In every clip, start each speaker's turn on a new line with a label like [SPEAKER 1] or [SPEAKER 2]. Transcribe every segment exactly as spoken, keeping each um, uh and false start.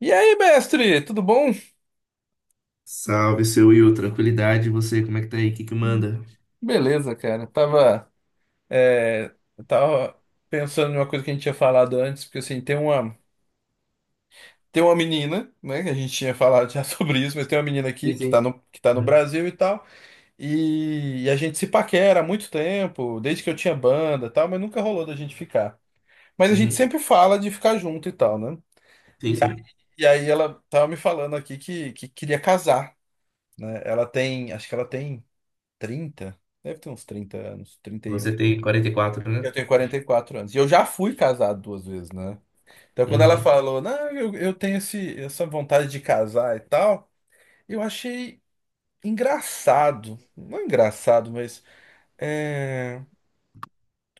[SPEAKER 1] E aí, mestre, tudo bom?
[SPEAKER 2] Salve, seu Will. Tranquilidade. E você, como é que tá aí? O que que manda?
[SPEAKER 1] Beleza, cara. Tava, é, tava pensando numa coisa que a gente tinha falado antes, porque assim, tem uma, tem uma menina, né, que a gente tinha falado já sobre isso, mas tem uma menina aqui
[SPEAKER 2] Sim,
[SPEAKER 1] que tá
[SPEAKER 2] sim.
[SPEAKER 1] no, que tá no
[SPEAKER 2] É.
[SPEAKER 1] Brasil e tal, e, e a gente se paquera há muito tempo, desde que eu tinha banda e tal, mas nunca rolou da gente ficar. Mas a gente
[SPEAKER 2] Uhum.
[SPEAKER 1] sempre fala de ficar junto e tal, né?
[SPEAKER 2] Sim,
[SPEAKER 1] E, a-
[SPEAKER 2] sim.
[SPEAKER 1] e aí ela tava me falando aqui que, que queria casar, né? Ela tem, acho que ela tem trinta, deve ter uns trinta anos, trinta e um.
[SPEAKER 2] Você tem quarenta e quatro,
[SPEAKER 1] Eu
[SPEAKER 2] né?
[SPEAKER 1] tenho quarenta e quatro anos. E eu já fui casado duas vezes, né? Então, quando ela
[SPEAKER 2] Uhum.
[SPEAKER 1] falou, não, eu, eu tenho esse, essa vontade de casar e tal, eu achei engraçado. Não engraçado, mas. eh,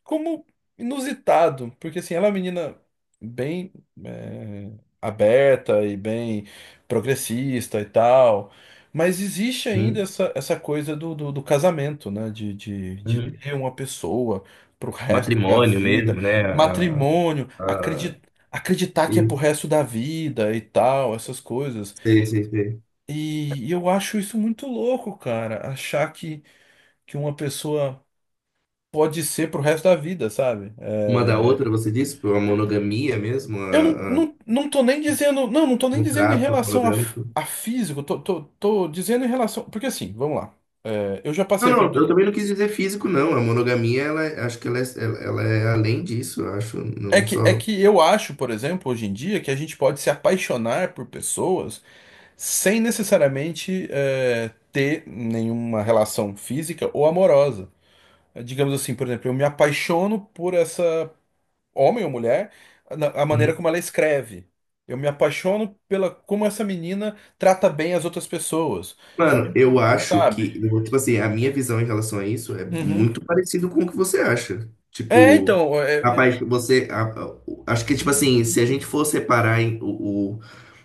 [SPEAKER 1] como inusitado, porque assim, ela é uma menina bem é, aberta e bem progressista e tal, mas existe ainda
[SPEAKER 2] Uhum.
[SPEAKER 1] essa, essa coisa do, do, do casamento, né? De, de, de
[SPEAKER 2] Uhum.
[SPEAKER 1] ter uma pessoa pro resto da
[SPEAKER 2] Matrimônio
[SPEAKER 1] vida,
[SPEAKER 2] mesmo, né? A,
[SPEAKER 1] matrimônio,
[SPEAKER 2] a...
[SPEAKER 1] acreditar. Acreditar que é pro
[SPEAKER 2] e-
[SPEAKER 1] resto da vida e tal, essas coisas.
[SPEAKER 2] Sei, sei, sei.
[SPEAKER 1] E, e eu acho isso muito louco, cara. Achar que, que uma pessoa pode ser pro resto da vida, sabe?
[SPEAKER 2] Uma da outra, você disse? Pô, a monogamia mesmo?
[SPEAKER 1] Eu não,
[SPEAKER 2] A, a...
[SPEAKER 1] não, não tô nem dizendo. Não, não tô nem dizendo em
[SPEAKER 2] Contrato
[SPEAKER 1] relação a, f-
[SPEAKER 2] monogâmico?
[SPEAKER 1] a físico. Tô, tô, tô dizendo em relação. Porque assim, vamos lá. É, eu já
[SPEAKER 2] Não,
[SPEAKER 1] passei por.
[SPEAKER 2] não. Eu
[SPEAKER 1] do-
[SPEAKER 2] também não quis dizer físico, não. A monogamia, ela, é, acho que ela é, ela ela é além disso, eu acho.
[SPEAKER 1] É
[SPEAKER 2] Não
[SPEAKER 1] que, é
[SPEAKER 2] só...
[SPEAKER 1] que eu acho, por exemplo, hoje em dia, que a gente pode se apaixonar por pessoas sem necessariamente é, ter nenhuma relação física ou amorosa. É, digamos assim, por exemplo, eu me apaixono por essa homem ou mulher, na- a maneira como ela escreve. Eu me apaixono pela como essa menina trata bem as outras pessoas.
[SPEAKER 2] Mano, eu acho
[SPEAKER 1] Sabe?
[SPEAKER 2] que, eu vou- tipo assim, a minha visão em relação a isso é
[SPEAKER 1] Uhum.
[SPEAKER 2] muito parecido com o que você acha.
[SPEAKER 1] É,
[SPEAKER 2] Tipo,
[SPEAKER 1] então, é, eu-
[SPEAKER 2] rapaz, você, a- a- o- acho que, tipo assim, se a gente for separar em- o, o,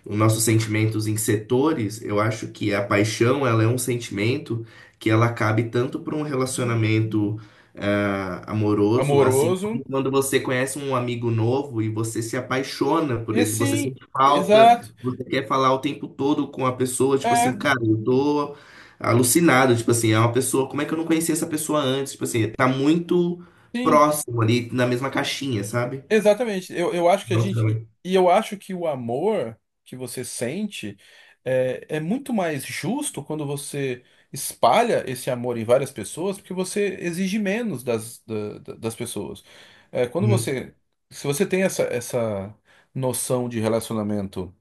[SPEAKER 2] os nossos sentimentos em setores, eu acho que a paixão, ela é um sentimento que ela cabe tanto para um relacionamento ah, amoroso, assim
[SPEAKER 1] amoroso.
[SPEAKER 2] como quando você conhece um amigo novo e você se apaixona
[SPEAKER 1] E
[SPEAKER 2] por ele, você
[SPEAKER 1] assim,
[SPEAKER 2] sente falta.
[SPEAKER 1] exato.
[SPEAKER 2] Você quer falar o tempo todo com a pessoa, tipo
[SPEAKER 1] É,
[SPEAKER 2] assim, cara, eu tô alucinado, tipo assim, é uma pessoa, como é que eu não conhecia essa pessoa antes? Tipo assim, tá muito
[SPEAKER 1] sim,
[SPEAKER 2] próximo ali, na mesma caixinha, sabe?
[SPEAKER 1] exatamente. Eu, eu acho que a
[SPEAKER 2] Nossa,
[SPEAKER 1] gente. E
[SPEAKER 2] também.
[SPEAKER 1] e eu acho que o amor que você sente é, é muito mais justo quando você espalha esse amor em várias pessoas, porque você exige menos das, da- da- das pessoas. É, quando
[SPEAKER 2] Uhum,
[SPEAKER 1] você. Se você tem essa, essa noção de relacionamento,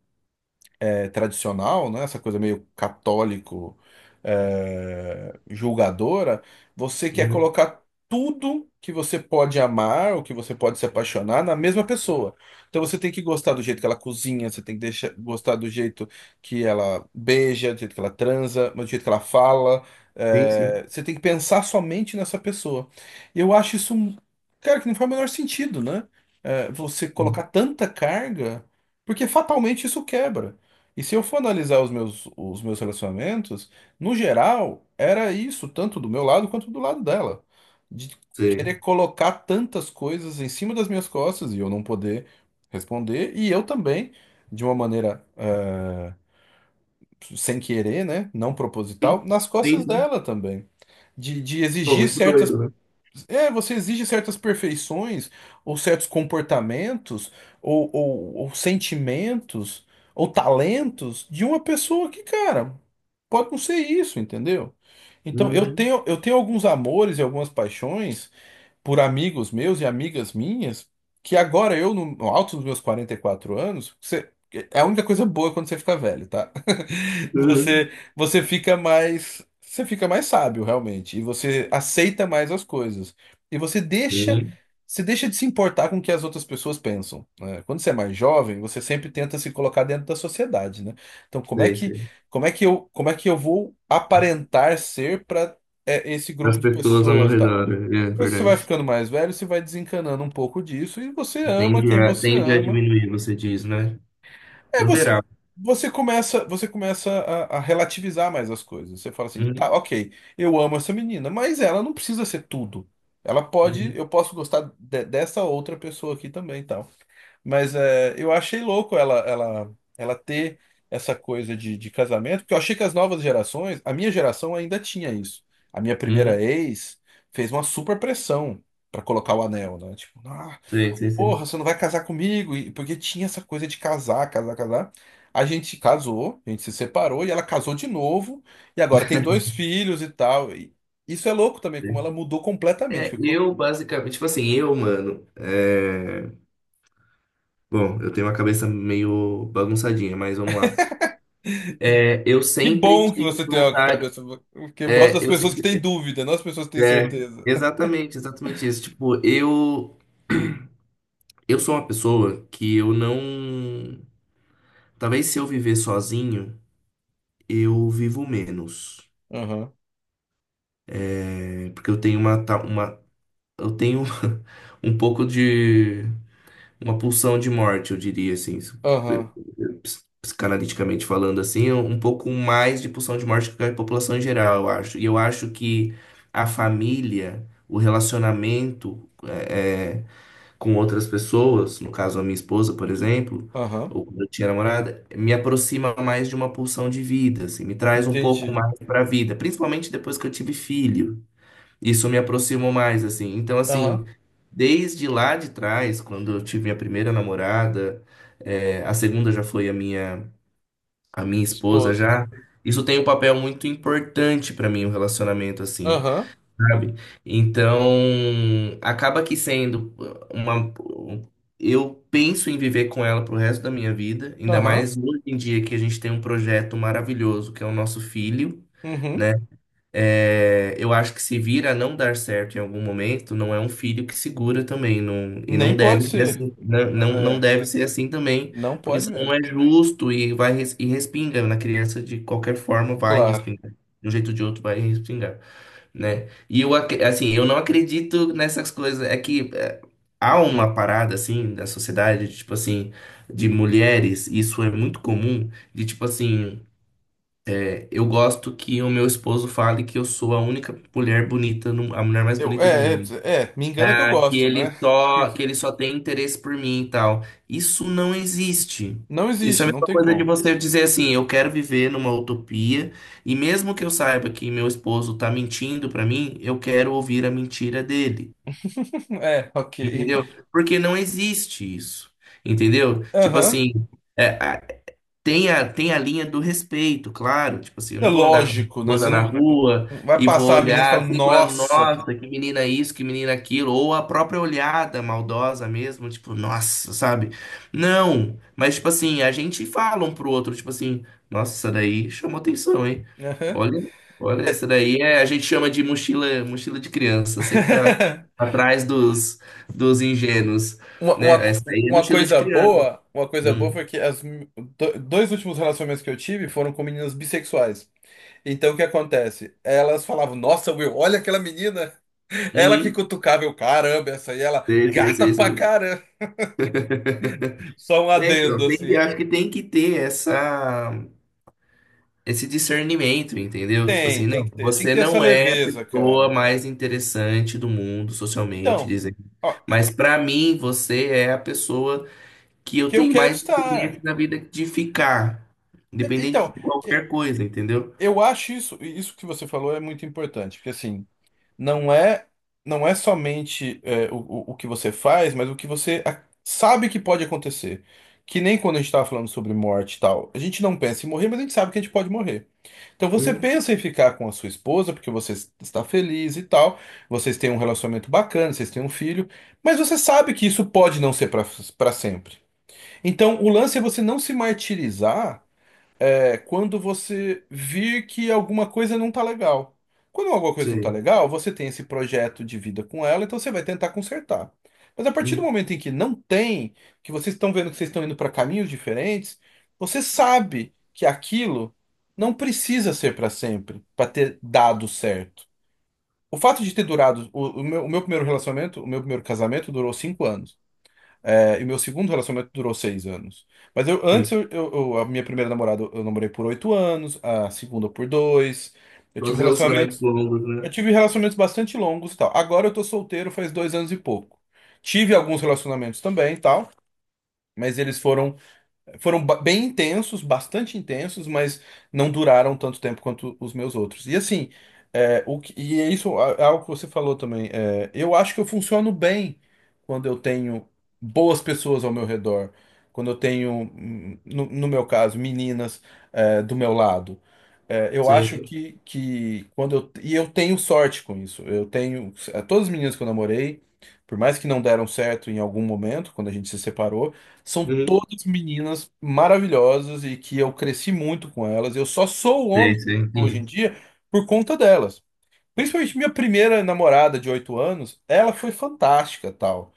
[SPEAKER 1] é, tradicional, né? Essa coisa meio católico, é, julgadora, você quer
[SPEAKER 2] uhum.
[SPEAKER 1] colocar tudo que você pode amar, ou que você pode se apaixonar na mesma pessoa. Então você tem que gostar do jeito que ela cozinha, você tem que deixar, gostar do jeito que ela beija, do jeito que ela transa, do jeito que ela fala.
[SPEAKER 2] Sim, sim.
[SPEAKER 1] É, você tem que pensar somente nessa pessoa. E eu acho isso, um- cara, que não faz o menor sentido, né? É, você colocar
[SPEAKER 2] Uhum.
[SPEAKER 1] tanta carga, porque fatalmente isso quebra. E se eu for analisar os meus, os meus relacionamentos, no geral, era isso, tanto do meu lado quanto do lado dela. De
[SPEAKER 2] Sei.
[SPEAKER 1] querer colocar tantas coisas em cima das minhas costas e eu não poder responder. E eu também, de uma maneira, eh, sem querer, né? Não proposital,
[SPEAKER 2] Uhum.
[SPEAKER 1] nas
[SPEAKER 2] Sim,
[SPEAKER 1] costas
[SPEAKER 2] sim.
[SPEAKER 1] dela também. De, de
[SPEAKER 2] Pô,
[SPEAKER 1] exigir
[SPEAKER 2] muito
[SPEAKER 1] certas
[SPEAKER 2] doido, né?
[SPEAKER 1] é, você exige certas perfeições, ou certos comportamentos, ou, ou, ou sentimentos, ou talentos de uma pessoa que, cara, pode não ser isso, entendeu? Então, eu
[SPEAKER 2] Uhum.
[SPEAKER 1] tenho, eu tenho alguns amores e algumas paixões por amigos meus e amigas minhas, que agora eu, no no alto dos meus quarenta e quatro anos, você, é a única coisa boa quando você fica velho, tá?
[SPEAKER 2] Uhum.
[SPEAKER 1] Você, você fica mais, você fica mais sábio, realmente, e você aceita mais as coisas. E você deixa,
[SPEAKER 2] Sim,
[SPEAKER 1] você deixa de se importar com o que as outras pessoas pensam, né? Quando você é mais jovem, você sempre tenta se colocar dentro da sociedade, né? Então, como é
[SPEAKER 2] sei,
[SPEAKER 1] que,
[SPEAKER 2] sei.
[SPEAKER 1] como é que eu, como é que eu vou aparentar ser para esse
[SPEAKER 2] As
[SPEAKER 1] grupo de
[SPEAKER 2] pessoas ao meu
[SPEAKER 1] pessoas, e tal?
[SPEAKER 2] redor, é
[SPEAKER 1] Depois que você vai
[SPEAKER 2] verdade.
[SPEAKER 1] ficando mais velho, você vai desencanando um pouco disso e você ama
[SPEAKER 2] Tende
[SPEAKER 1] quem
[SPEAKER 2] a,
[SPEAKER 1] você
[SPEAKER 2] tende a
[SPEAKER 1] ama.
[SPEAKER 2] diminuir, você diz, né?
[SPEAKER 1] É, você,
[SPEAKER 2] Moderar.
[SPEAKER 1] você começa, você começa a, a relativizar mais as coisas. Você fala assim, tá,
[SPEAKER 2] Uhum,
[SPEAKER 1] ok, eu amo essa menina, mas ela não precisa ser tudo. Ela pode,
[SPEAKER 2] uhum,
[SPEAKER 1] eu posso gostar de- dessa outra pessoa aqui também, e tal. Mas é, eu achei louco ela, ela, ela ter essa coisa de, de casamento, porque eu achei que as novas gerações, a minha geração ainda tinha isso. A minha primeira
[SPEAKER 2] uhum.
[SPEAKER 1] ex fez uma super pressão pra colocar o anel, né? Tipo, ah,
[SPEAKER 2] Sei, sei, sei.
[SPEAKER 1] porra, você não vai casar comigo? E- Porque tinha essa coisa de casar, casar, casar. A gente casou, a gente se separou e ela casou de novo. E agora tem dois filhos e tal. E isso é louco também, como ela mudou completamente.
[SPEAKER 2] É,
[SPEAKER 1] Ficou-
[SPEAKER 2] eu basicamente, tipo assim, eu, mano, é... Bom, eu tenho uma cabeça meio bagunçadinha, mas vamos lá. É, eu
[SPEAKER 1] Que
[SPEAKER 2] sempre
[SPEAKER 1] bom que
[SPEAKER 2] tive
[SPEAKER 1] você tem a
[SPEAKER 2] vontade,
[SPEAKER 1] cabeça. Porque eu gosto das
[SPEAKER 2] é, eu
[SPEAKER 1] pessoas que têm
[SPEAKER 2] sempre,
[SPEAKER 1] dúvida, não as pessoas que têm
[SPEAKER 2] é,
[SPEAKER 1] certeza.
[SPEAKER 2] exatamente, exatamente isso. Tipo, eu, eu sou uma pessoa que eu não, talvez se eu viver sozinho, eu vivo menos.
[SPEAKER 1] Aham,
[SPEAKER 2] É, porque eu tenho uma, ta- uma, eu tenho um pouco de uma pulsão de morte, eu diria assim, se-
[SPEAKER 1] aham,
[SPEAKER 2] ps- psicanaliticamente falando assim, é um pouco mais de pulsão de morte que a população em geral, eu acho. E eu acho que a família, o relacionamento é, é, com outras pessoas, no caso a minha esposa, por exemplo,
[SPEAKER 1] aham.
[SPEAKER 2] ou quando eu tinha namorada, me aproxima mais de uma pulsão de vida, assim, me traz um pouco
[SPEAKER 1] Entendi.
[SPEAKER 2] mais para a vida, principalmente depois que eu tive filho, isso me aproximou mais, assim. Então, assim,
[SPEAKER 1] Aham.
[SPEAKER 2] desde lá de trás, quando eu tive minha primeira namorada, é, a segunda já foi a minha, a minha esposa
[SPEAKER 1] Esposo.
[SPEAKER 2] já. Isso tem um papel muito importante para mim, o relacionamento, assim,
[SPEAKER 1] Aham,
[SPEAKER 2] sabe? Então, acaba que sendo uma. Eu penso em viver com ela pro resto da minha vida, ainda
[SPEAKER 1] aham,
[SPEAKER 2] mais hoje em dia que a gente tem um projeto maravilhoso, que é o nosso filho,
[SPEAKER 1] uhum.
[SPEAKER 2] né? É, eu acho que se vir a não dar certo em algum momento, não é um filho que segura também, não, e não
[SPEAKER 1] Nem pode
[SPEAKER 2] deve ser
[SPEAKER 1] ser.
[SPEAKER 2] assim, né?
[SPEAKER 1] N-
[SPEAKER 2] Não, não
[SPEAKER 1] É,
[SPEAKER 2] deve ser assim também,
[SPEAKER 1] não
[SPEAKER 2] porque
[SPEAKER 1] pode
[SPEAKER 2] senão não
[SPEAKER 1] mesmo.
[SPEAKER 2] é justo e vai res- e respinga na criança de qualquer forma, vai
[SPEAKER 1] Claro.
[SPEAKER 2] respingar. De um jeito ou de outro vai respingar, né? E eu, ac- assim, eu não acredito nessas coisas, é que é, há uma parada, assim, da sociedade, tipo assim, de mulheres, isso é muito comum, de tipo assim. Eu gosto que o meu esposo fale que eu sou a única mulher bonita, no- a mulher mais
[SPEAKER 1] Eu,
[SPEAKER 2] bonita do
[SPEAKER 1] é,
[SPEAKER 2] mundo.
[SPEAKER 1] é, é, Me engana que eu
[SPEAKER 2] Ah, que
[SPEAKER 1] gosto, né?
[SPEAKER 2] ele só, que ele
[SPEAKER 1] Porque
[SPEAKER 2] só tem interesse por mim e tal. Isso não existe.
[SPEAKER 1] não
[SPEAKER 2] Isso é a
[SPEAKER 1] existe, não
[SPEAKER 2] mesma
[SPEAKER 1] tem
[SPEAKER 2] coisa de
[SPEAKER 1] como.
[SPEAKER 2] você dizer assim, eu quero viver numa utopia, e mesmo que eu saiba que meu esposo tá mentindo pra mim, eu quero ouvir a mentira dele.
[SPEAKER 1] É, ok.
[SPEAKER 2] Entendeu? Porque não existe isso. Entendeu? Tipo
[SPEAKER 1] Aham.
[SPEAKER 2] assim, é. Tem a, tem a linha do respeito, claro. Tipo assim, eu
[SPEAKER 1] É
[SPEAKER 2] não vou andar com a minha
[SPEAKER 1] lógico, né? Você
[SPEAKER 2] esposa na
[SPEAKER 1] não
[SPEAKER 2] rua
[SPEAKER 1] vai
[SPEAKER 2] e vou
[SPEAKER 1] passar a menina e
[SPEAKER 2] olhar
[SPEAKER 1] falar,
[SPEAKER 2] assim e falar,
[SPEAKER 1] nossa. que-
[SPEAKER 2] nossa, que menina isso, que menina aquilo, ou a própria olhada maldosa mesmo, tipo, nossa, sabe? Não, mas tipo assim, a gente fala um pro outro, tipo assim, nossa, essa daí chamou atenção, hein?
[SPEAKER 1] Aham.
[SPEAKER 2] Olha, olha, essa daí é, a gente chama de mochila, mochila de criança, sempre tá atrás dos, dos ingênuos,
[SPEAKER 1] Uma, uma,
[SPEAKER 2] né?
[SPEAKER 1] co-
[SPEAKER 2] Essa daí é
[SPEAKER 1] uma
[SPEAKER 2] mochila de
[SPEAKER 1] coisa
[SPEAKER 2] criança.
[SPEAKER 1] boa, uma coisa boa
[SPEAKER 2] Hum.
[SPEAKER 1] foi que as, mi- do- dois últimos relacionamentos que eu tive foram com meninas bissexuais. Então o que acontece? Elas falavam, nossa, Will, olha aquela menina. Ela que
[SPEAKER 2] Uhum.
[SPEAKER 1] cutucava, eu, caramba, essa aí, ela
[SPEAKER 2] Sei, sei,
[SPEAKER 1] gata
[SPEAKER 2] sei,
[SPEAKER 1] pra
[SPEAKER 2] sei.
[SPEAKER 1] caramba. Só um
[SPEAKER 2] É,
[SPEAKER 1] adendo,
[SPEAKER 2] então, tem que-
[SPEAKER 1] assim.
[SPEAKER 2] acho que tem que ter essa, esse discernimento, entendeu? Tipo
[SPEAKER 1] Tem,
[SPEAKER 2] assim,
[SPEAKER 1] tem
[SPEAKER 2] não,
[SPEAKER 1] que ter, tem que
[SPEAKER 2] você
[SPEAKER 1] ter essa
[SPEAKER 2] não é a
[SPEAKER 1] leveza,
[SPEAKER 2] pessoa
[SPEAKER 1] cara.
[SPEAKER 2] mais interessante do mundo socialmente,
[SPEAKER 1] Então,
[SPEAKER 2] dizem.
[SPEAKER 1] ó, e-
[SPEAKER 2] Mas pra mim, você é a pessoa que eu
[SPEAKER 1] que eu
[SPEAKER 2] tenho
[SPEAKER 1] quero
[SPEAKER 2] mais interesse
[SPEAKER 1] estar.
[SPEAKER 2] na vida de ficar,
[SPEAKER 1] E-
[SPEAKER 2] independente
[SPEAKER 1] Então,
[SPEAKER 2] de
[SPEAKER 1] e-
[SPEAKER 2] qualquer coisa, entendeu?
[SPEAKER 1] eu acho isso, isso que você falou é muito importante, porque assim, não é, não é somente é, o, o o que você faz, mas o que você a- sabe que pode acontecer. Que nem quando a gente estava falando sobre morte e tal, a gente não pensa em morrer, mas a gente sabe que a gente pode morrer. Então você
[SPEAKER 2] Uhum,
[SPEAKER 1] pensa em ficar com a sua esposa porque você está feliz e tal, vocês têm um relacionamento bacana, vocês têm um filho, mas você sabe que isso pode não ser para para sempre. Então o lance é você não se martirizar é quando você vir que alguma coisa não tá legal. Quando alguma coisa não tá
[SPEAKER 2] sei.
[SPEAKER 1] legal, você tem esse projeto de vida com ela, então você vai tentar consertar. Mas a partir do
[SPEAKER 2] Uhum,
[SPEAKER 1] momento em que não tem, que vocês estão vendo que vocês estão indo para caminhos diferentes, você sabe que aquilo não precisa ser para sempre, para ter dado certo. O fato de ter durado, o, o meu, o meu primeiro relacionamento, o meu primeiro casamento durou cinco anos. É, e meu segundo relacionamento durou seis anos. Mas eu antes,
[SPEAKER 2] sim.
[SPEAKER 1] eu, eu- eu- a minha primeira namorada eu namorei por oito anos, a segunda por dois. Eu
[SPEAKER 2] Todos
[SPEAKER 1] tive
[SPEAKER 2] os relacionamentos
[SPEAKER 1] relacionamentos,
[SPEAKER 2] longos,
[SPEAKER 1] eu
[SPEAKER 2] né?
[SPEAKER 1] tive relacionamentos bastante longos e tal. Agora eu tô solteiro faz dois anos e pouco. Tive alguns relacionamentos também e tal, mas eles foram foram ba- bem intensos, bastante intensos, mas não duraram tanto tempo quanto os meus outros. E assim, é, o que, e é isso é algo que você falou também. É, eu acho que, eu funciono bem quando eu tenho boas pessoas ao meu redor, quando eu tenho, hum, no, no meu caso, meninas, é, do meu lado. É, eu acho
[SPEAKER 2] Sei.
[SPEAKER 1] que, que quando eu, e eu. Tenho sorte com isso. Eu tenho, é, todas as meninas que eu namorei, por mais que não deram certo em algum momento, quando a gente se separou. São
[SPEAKER 2] Uhum.
[SPEAKER 1] todas meninas maravilhosas e que eu cresci muito com elas. Eu só sou o homem
[SPEAKER 2] Sei, sei,
[SPEAKER 1] hoje
[SPEAKER 2] entendi.
[SPEAKER 1] em dia por conta delas. Principalmente minha primeira namorada de oito anos, ela foi fantástica, tal.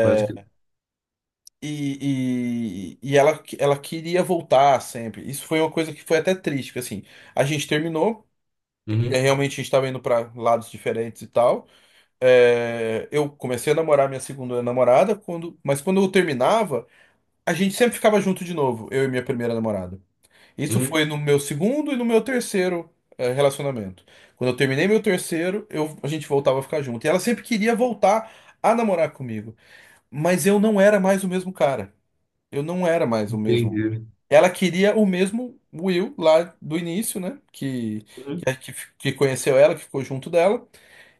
[SPEAKER 2] Pode que.
[SPEAKER 1] E, e, e ela, ela queria voltar sempre. Isso foi uma coisa que foi até triste, porque assim, a gente terminou, é,
[SPEAKER 2] Uhum,
[SPEAKER 1] realmente a gente estava indo para lados diferentes e tal. É, eu comecei a namorar minha segunda namorada, quando, mas quando eu terminava, a gente sempre ficava junto de novo, eu e minha primeira namorada. Isso
[SPEAKER 2] uhum,
[SPEAKER 1] foi no meu segundo e no meu terceiro eh, relacionamento. Quando eu terminei meu terceiro, eu- a gente voltava a ficar junto. E ela sempre queria voltar a namorar comigo. Mas eu não era mais o mesmo cara. Eu não era mais o mesmo.
[SPEAKER 2] entendi.
[SPEAKER 1] Ela queria o mesmo Will lá do início, né? Que,
[SPEAKER 2] Uhum.
[SPEAKER 1] que, que que conheceu ela, que ficou junto dela.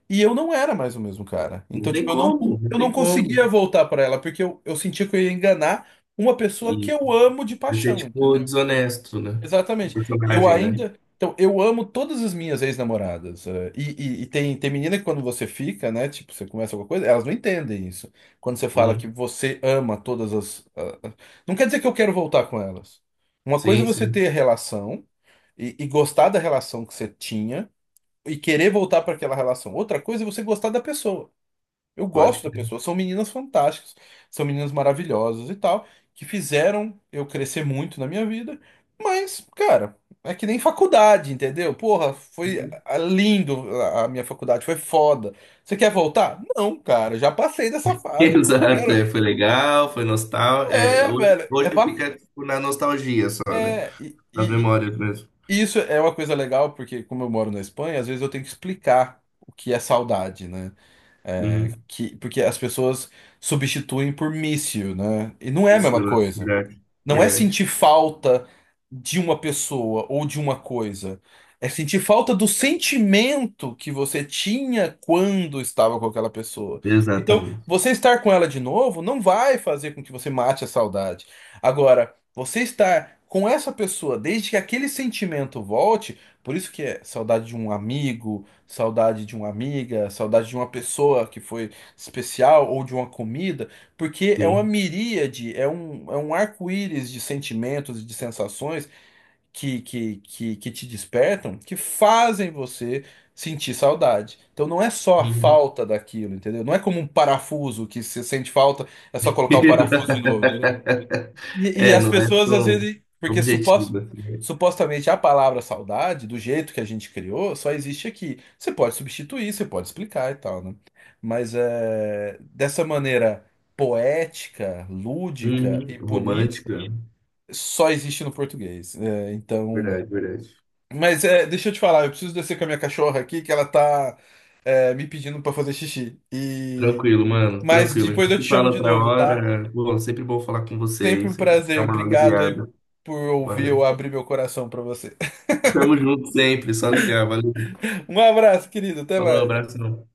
[SPEAKER 1] E eu não era mais o mesmo cara.
[SPEAKER 2] Não
[SPEAKER 1] Então,
[SPEAKER 2] tem
[SPEAKER 1] tipo, eu não, con-
[SPEAKER 2] como, não
[SPEAKER 1] eu
[SPEAKER 2] tem
[SPEAKER 1] não conseguia
[SPEAKER 2] como.
[SPEAKER 1] voltar pra ela, porque eu, eu sentia que eu ia enganar uma pessoa que
[SPEAKER 2] E
[SPEAKER 1] eu amo de
[SPEAKER 2] esse é
[SPEAKER 1] paixão,
[SPEAKER 2] tipo
[SPEAKER 1] entendeu?
[SPEAKER 2] desonesto, né? O
[SPEAKER 1] Exatamente. Eu
[SPEAKER 2] personagem, né?
[SPEAKER 1] ainda. Então, eu amo todas as minhas ex-namoradas. Eh, E, e- e tem, tem menina que quando você fica, né? Tipo, você começa alguma coisa, elas não entendem isso. Quando você fala que
[SPEAKER 2] Uhum.
[SPEAKER 1] você ama todas as. Ah, ah, não quer dizer que eu quero voltar com elas. Uma coisa é
[SPEAKER 2] Sim,
[SPEAKER 1] você
[SPEAKER 2] sim,
[SPEAKER 1] ter relação e, e gostar da relação que você tinha e querer voltar para aquela relação. Outra coisa é você gostar da pessoa. Eu
[SPEAKER 2] pode
[SPEAKER 1] gosto da
[SPEAKER 2] crer.
[SPEAKER 1] pessoa. São meninas fantásticas, são meninas maravilhosas e tal, que fizeram eu crescer muito na minha vida. Mas, cara, é que nem faculdade, entendeu? Porra, foi
[SPEAKER 2] Uhum.
[SPEAKER 1] ah, lindo a a minha faculdade, foi foda. Você quer voltar? Não, cara, já passei dessa fase, não
[SPEAKER 2] Exato,
[SPEAKER 1] quero.
[SPEAKER 2] é, foi legal, foi nostálgico. É,
[SPEAKER 1] É,
[SPEAKER 2] hoje,
[SPEAKER 1] velho, é
[SPEAKER 2] hoje
[SPEAKER 1] bacana.
[SPEAKER 2] fica tipo, na nostalgia só, né?
[SPEAKER 1] É, e,
[SPEAKER 2] Nas
[SPEAKER 1] e-
[SPEAKER 2] memórias mesmo.
[SPEAKER 1] e isso é uma coisa legal, porque como eu moro na Espanha, às vezes eu tenho que explicar o que é saudade, né?
[SPEAKER 2] Uhum.
[SPEAKER 1] que, porque as pessoas substituem por míssil, né? E não é
[SPEAKER 2] É
[SPEAKER 1] a
[SPEAKER 2] isso,
[SPEAKER 1] mesma
[SPEAKER 2] é
[SPEAKER 1] coisa.
[SPEAKER 2] verdade,
[SPEAKER 1] Não é
[SPEAKER 2] verdade.
[SPEAKER 1] sentir falta de uma pessoa ou de uma coisa. É sentir falta do sentimento que você tinha quando estava com aquela pessoa. Então,
[SPEAKER 2] Exatamente.
[SPEAKER 1] você estar com ela de novo não vai fazer com que você mate a saudade. Agora, você estar com essa pessoa desde que aquele sentimento volte, por isso que é saudade de um amigo, saudade de uma amiga, saudade de uma pessoa que foi especial ou de uma comida. Porque é uma
[SPEAKER 2] Sim.
[SPEAKER 1] miríade, é um, é um arco-íris de sentimentos e de sensações que, que, que, que te despertam, que fazem você sentir saudade. Então não é só a
[SPEAKER 2] Uhum.
[SPEAKER 1] falta daquilo, entendeu? Não é como um parafuso que você sente falta, é só colocar o parafuso de novo, entendeu? E, e
[SPEAKER 2] É,
[SPEAKER 1] as
[SPEAKER 2] não é
[SPEAKER 1] pessoas às
[SPEAKER 2] tão
[SPEAKER 1] vezes. Porque supos-
[SPEAKER 2] objetiva, assim.
[SPEAKER 1] supostamente a palavra saudade, do jeito que a gente criou, só existe aqui. Você pode substituir, você pode explicar e tal, né? Mas é, dessa maneira poética, lúdica
[SPEAKER 2] Uhum.
[SPEAKER 1] e bonita,
[SPEAKER 2] Romântica.
[SPEAKER 1] só existe no português. É, então.
[SPEAKER 2] Verdade, verdade.
[SPEAKER 1] Mas é, deixa eu te falar, eu preciso descer com a minha cachorra aqui, que ela tá é, me pedindo pra fazer xixi. E...
[SPEAKER 2] Tranquilo, mano,
[SPEAKER 1] Mas
[SPEAKER 2] tranquilo. A
[SPEAKER 1] depois eu te
[SPEAKER 2] gente
[SPEAKER 1] chamo
[SPEAKER 2] fala
[SPEAKER 1] de
[SPEAKER 2] outra
[SPEAKER 1] novo, tá?
[SPEAKER 2] hora. Bom, sempre bom falar com
[SPEAKER 1] Sempre um
[SPEAKER 2] vocês, sempre dá
[SPEAKER 1] prazer.
[SPEAKER 2] uma
[SPEAKER 1] Obrigado aí
[SPEAKER 2] aliviada.
[SPEAKER 1] por ouvir
[SPEAKER 2] Valeu.
[SPEAKER 1] eu abrir meu coração pra você.
[SPEAKER 2] Tamo junto sempre, só ligar, valeu.
[SPEAKER 1] Um abraço, querido. Até
[SPEAKER 2] Falou,
[SPEAKER 1] mais.
[SPEAKER 2] abração.